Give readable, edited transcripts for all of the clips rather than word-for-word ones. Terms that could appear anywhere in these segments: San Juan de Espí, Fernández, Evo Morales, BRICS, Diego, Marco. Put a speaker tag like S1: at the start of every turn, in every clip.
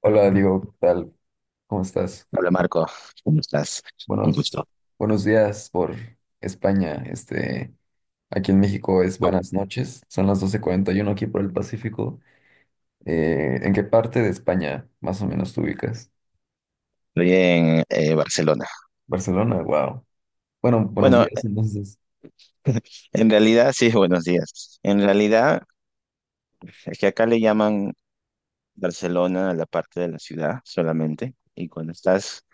S1: Hola, Diego, ¿qué tal? ¿Cómo estás?
S2: Hola Marco, ¿cómo estás? Un
S1: Buenos,
S2: gusto.
S1: buenos días por España. Aquí en México es buenas noches. Son las 12:41 aquí por el Pacífico. ¿En qué parte de España más o menos te ubicas?
S2: Estoy en Barcelona.
S1: Barcelona, wow. Bueno, buenos
S2: Bueno,
S1: días entonces.
S2: en realidad, sí, buenos días. En realidad, es que acá le llaman Barcelona a la parte de la ciudad solamente, y cuando estás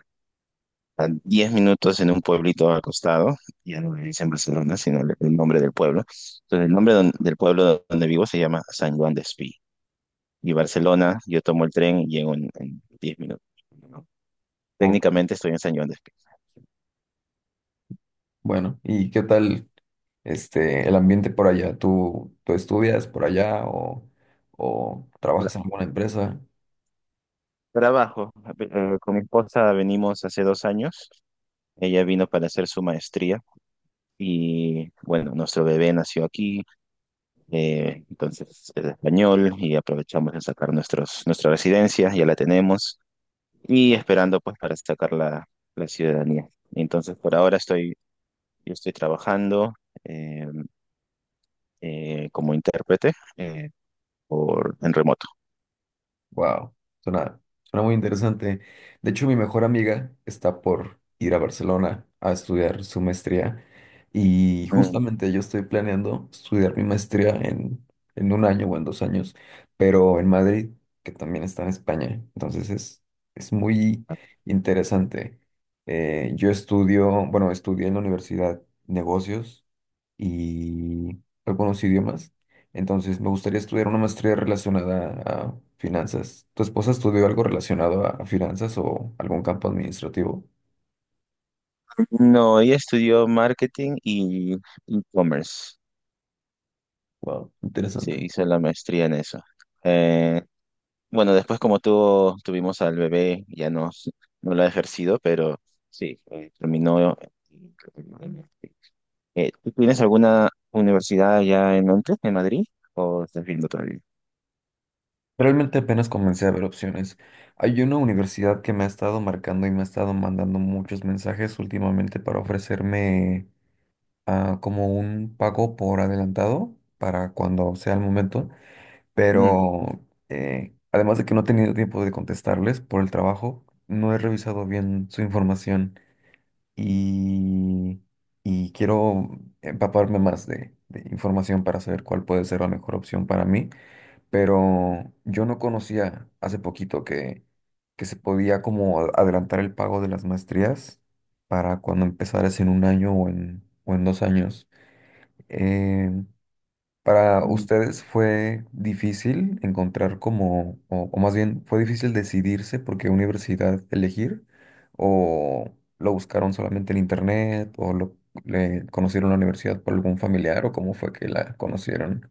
S2: a 10 minutos en un pueblito acostado, ya no le dicen Barcelona, sino el nombre del pueblo. Entonces, el nombre del pueblo donde vivo se llama San Juan de Espí. Y Barcelona, yo tomo el tren y llego en 10 minutos, ¿no?
S1: Ok,
S2: Técnicamente estoy en San Juan de Espí.
S1: bueno, ¿y qué tal el ambiente por allá? ¿Tú estudias por allá o trabajas en alguna empresa?
S2: Trabajo. Con mi esposa venimos hace 2 años. Ella vino para hacer su maestría y bueno, nuestro bebé nació aquí, entonces es español y aprovechamos de sacar nuestra residencia, ya la tenemos y esperando pues para sacar la ciudadanía. Entonces por ahora yo estoy trabajando eh, como intérprete por, en remoto.
S1: Wow, suena muy interesante. De hecho, mi mejor amiga está por ir a Barcelona a estudiar su maestría y
S2: Mm.
S1: justamente yo estoy planeando estudiar mi maestría en un año o en dos años, pero en Madrid, que también está en España. Entonces es muy interesante. Yo bueno, estudié en la universidad negocios y algunos idiomas. Entonces, me gustaría estudiar una maestría relacionada a finanzas. ¿Tu esposa estudió algo relacionado a finanzas o algún campo administrativo?
S2: No, ella estudió marketing y e-commerce.
S1: Wow,
S2: Sí,
S1: interesante.
S2: hice la maestría en eso. Eh, bueno, después tuvimos al bebé, ya no, no lo ha ejercido, pero sí, terminó. ¿Tú tienes alguna universidad allá en Madrid? ¿O estás viendo todavía?
S1: Realmente apenas comencé a ver opciones. Hay una universidad que me ha estado marcando y me ha estado mandando muchos mensajes últimamente para ofrecerme como un pago por adelantado para cuando sea el momento.
S2: Mm,
S1: Pero además de que no he tenido tiempo de contestarles por el trabajo, no he revisado bien su información y, y quiero empaparme más de información para saber cuál puede ser la mejor opción para mí, pero yo no conocía hace poquito que se podía como adelantar el pago de las maestrías para cuando empezaras en un año o o en dos años. Em, para
S2: mm.
S1: ustedes fue difícil encontrar como, o más bien, fue difícil decidirse por qué universidad elegir, o lo buscaron solamente en internet, o le conocieron la universidad por algún familiar, o cómo fue que la conocieron.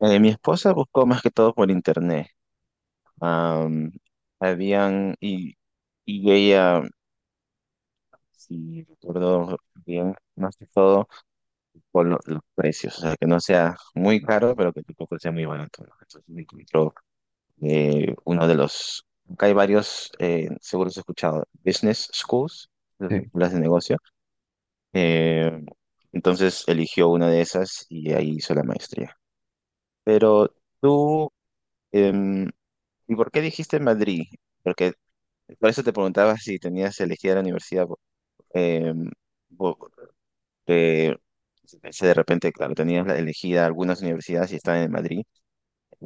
S2: Mi esposa buscó más que todo por internet. Am, habían, y ella, si recuerdo bien, más que todo. Con los precios, o sea, que no sea muy caro, pero que tampoco sea muy barato, ¿no? Entonces me encontró uno de los, acá hay varios, seguro has escuchado, business schools, las escuelas de negocio, eh, entonces eligió una de esas y ahí hizo la maestría. Pero tú, em, ¿y por qué dijiste Madrid? Porque por eso te preguntaba si tenías elegida la universidad, em, bo- eh, pensé de repente, claro, tenías elegida algunas universidades y estaban en Madrid.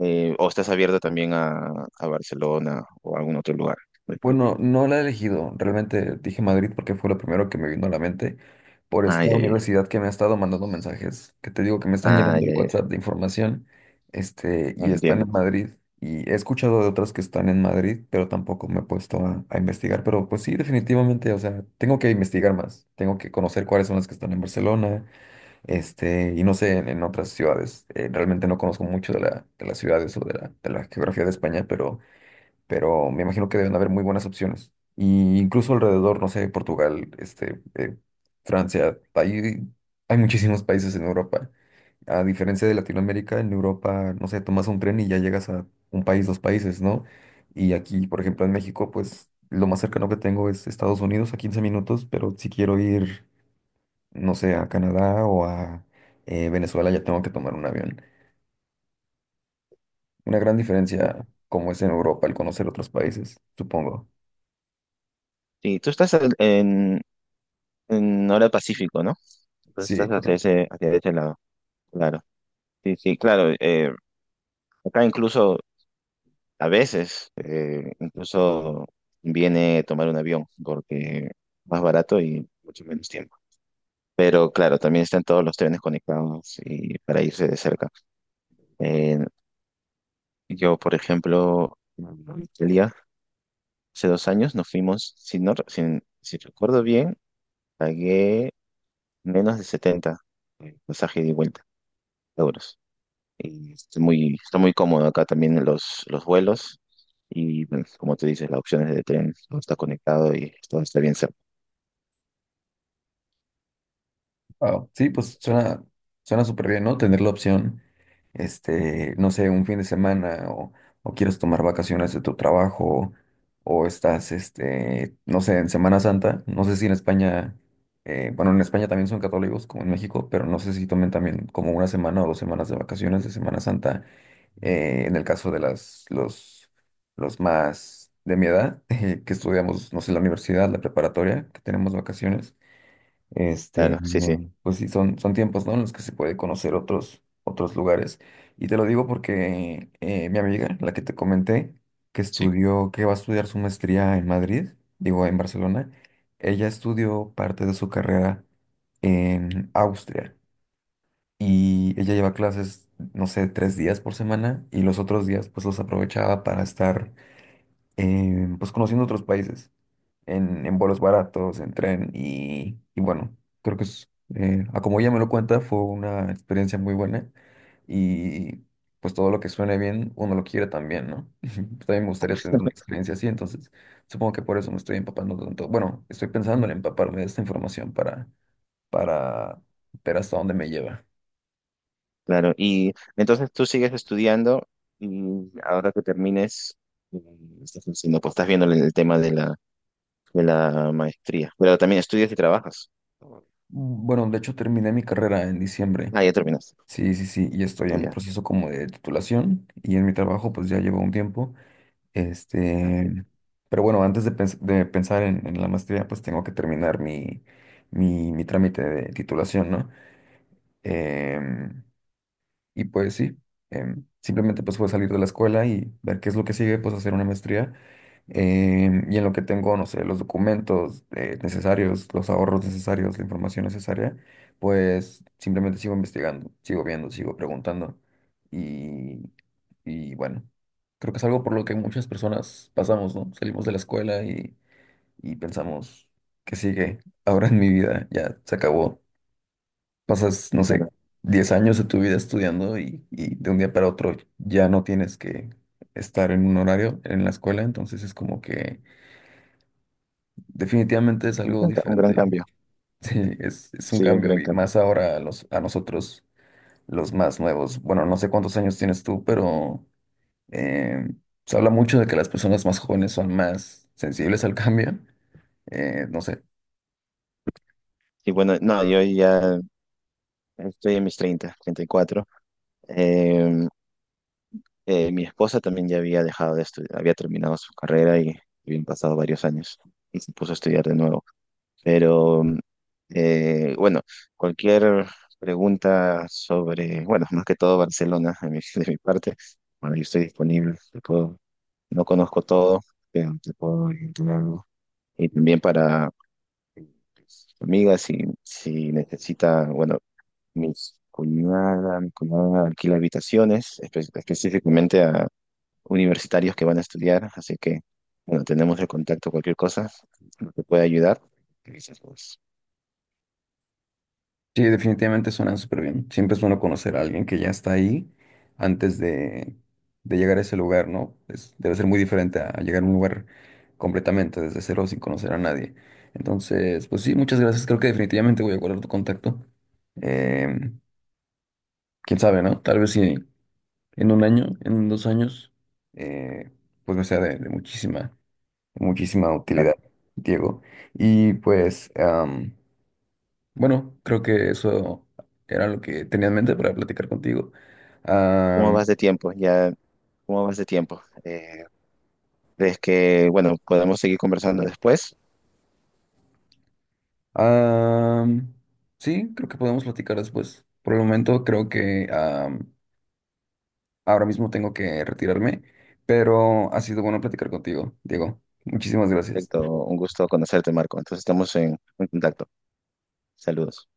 S2: ¿O estás abierto también a Barcelona o a algún otro lugar de España?
S1: Bueno, no la he elegido. Realmente dije Madrid porque fue lo primero que me vino a la mente por esta
S2: Ay, ay, ay.
S1: universidad que me ha estado mandando mensajes, que te digo que me están llenando
S2: Ay,
S1: el
S2: ay, ay.
S1: WhatsApp de información. Y están
S2: Entiendo.
S1: en Madrid. Y he escuchado de otras que están en Madrid, pero tampoco me he puesto a investigar. Pero pues sí, definitivamente, o sea, tengo que investigar más. Tengo que conocer cuáles son las que están en Barcelona. Y no sé, en otras ciudades. Realmente no conozco mucho de las ciudades o de la geografía de España, pero me imagino que deben haber muy buenas opciones. Y incluso alrededor, no sé, Portugal, Francia, hay muchísimos países en Europa. A diferencia de Latinoamérica, en Europa, no sé, tomas un tren y ya llegas a un país, dos países, ¿no? Y aquí, por ejemplo, en México, pues lo más cercano que tengo es Estados Unidos a 15 minutos, pero si quiero ir, no sé, a Canadá o a Venezuela, ya tengo que tomar un avión. Una gran diferencia como es en Europa el conocer otros países, supongo.
S2: Sí, tú estás en hora Pacífico, ¿no? Entonces
S1: Sí,
S2: estás hacia
S1: correcto.
S2: ese, hacia ese lado, claro. Sí, sí, claro. Acá incluso a veces, incluso viene tomar un avión porque más barato y mucho menos tiempo. Pero claro, también están todos los trenes conectados y para irse de cerca. Eh, yo, por ejemplo, hace 2 años nos fuimos, si, no, re- si recuerdo bien, pagué menos de 70 el pasaje de vuelta euros. Y está muy cómodo acá también los vuelos. Y bueno, como tú dices, las opciones de tren, todo está conectado y todo está bien cerca.
S1: Wow, sí, pues suena súper bien, ¿no? Tener la opción, no sé, un fin de semana o quieres tomar vacaciones de tu trabajo o estás, no sé, en Semana Santa. No sé si en España, bueno, en España también son católicos como en México, pero no sé si tomen también como una semana o 2 semanas de vacaciones de Semana Santa, en el caso de los más de mi edad, que estudiamos, no sé, la universidad, la preparatoria, que tenemos vacaciones.
S2: Claro, sí, sí.
S1: Pues sí, son tiempos, ¿no? En los que se puede conocer otros lugares. Y te lo digo porque mi amiga, la que te comenté, que
S2: Sí.
S1: estudió, que va a estudiar su maestría en Madrid, digo, en Barcelona, ella estudió parte de su carrera en Austria y ella lleva clases, no sé, 3 días por semana y los otros días pues los aprovechaba para estar pues conociendo otros países en vuelos baratos, en tren y bueno, creo que a como ella me lo cuenta, fue una experiencia muy buena y pues todo lo que suene bien, uno lo quiere también, ¿no? También me gustaría tener una experiencia así, entonces supongo que por eso me estoy empapando tanto. Bueno, estoy pensando en empaparme de esta información para, para ver hasta dónde me lleva.
S2: Claro, y entonces tú sigues estudiando y ahora que termines, eh, estás haciendo, pues estás viendo el tema de la maestría, pero también estudias y trabajas.
S1: Bueno, de hecho terminé mi carrera en diciembre.
S2: Ah, ya terminaste.
S1: Sí, sí, sí, y estoy en
S2: Ya.
S1: proceso como de titulación y en mi trabajo pues ya llevo un tiempo.
S2: Ah, bien,
S1: Este, pero bueno, antes de pensar en la maestría, pues tengo que terminar mi trámite de titulación, ¿no? Em, y pues sí, simplemente pues fue salir de la escuela y ver qué es lo que sigue, pues hacer una maestría. Em, y en lo que tengo, no sé, los documentos necesarios, los ahorros necesarios, la información necesaria, pues simplemente sigo investigando, sigo viendo, sigo preguntando. Y, y bueno, creo que es algo por lo que muchas personas pasamos, ¿no? Salimos de la escuela y pensamos, ¿qué sigue ahora en mi vida? Ya se acabó, pasas, no sé,
S2: claro.
S1: 10 años de tu vida estudiando y de un día para otro ya no tienes que estar en un horario en la escuela, entonces es como que definitivamente es
S2: Un
S1: algo
S2: gran, ca- un gran
S1: diferente.
S2: cambio,
S1: Sí, es un
S2: sí, un
S1: cambio
S2: gran
S1: y
S2: cambio.
S1: más ahora a nosotros, los más nuevos. Bueno, no sé cuántos años tienes tú, pero eh, se habla mucho de que las personas más jóvenes son más sensibles al cambio. No sé,
S2: Y bueno, no, yo ya estoy en mis 30, 34. Eh, mi esposa también ya había dejado de estudiar, había terminado su carrera y habían pasado varios años y se puso a estudiar de nuevo. Pero bueno, cualquier pregunta sobre, bueno, más que todo Barcelona de mi, de mi parte, bueno, yo estoy disponible, te puedo- no conozco todo, pero te puedo orientar algo. Y también para Amiga, si necesita, bueno, mi cuñada alquila habitaciones específicamente a universitarios que van a estudiar, así que, bueno, tenemos el contacto, cualquier cosa que pueda ayudar. ¿Qué dices vos?
S1: sí, definitivamente suenan súper bien. Siempre es bueno conocer a alguien que ya está ahí antes de llegar a ese lugar, ¿no? Es-, debe ser muy diferente a llegar a un lugar completamente desde cero sin conocer a nadie. Entonces, pues sí, muchas gracias. Creo que definitivamente voy a guardar tu contacto. Em, quién sabe, ¿no? Tal vez si en un año, en 2 años, eh, pues me sea de muchísima, muchísima
S2: Claro.
S1: utilidad, Diego. Y pues, bueno, creo que eso era lo que tenía en mente para platicar contigo.
S2: ¿Cómo
S1: Am,
S2: vas de tiempo? Ya, ¿cómo vas de tiempo? ¿Crees que, bueno, podemos seguir conversando después?
S1: am, sí, creo que podemos platicar después. Por el momento creo que ahora mismo tengo que retirarme, pero ha sido bueno platicar contigo, Diego. Muchísimas gracias.
S2: Perfecto, un gusto conocerte, Marco. Entonces estamos en contacto. Saludos.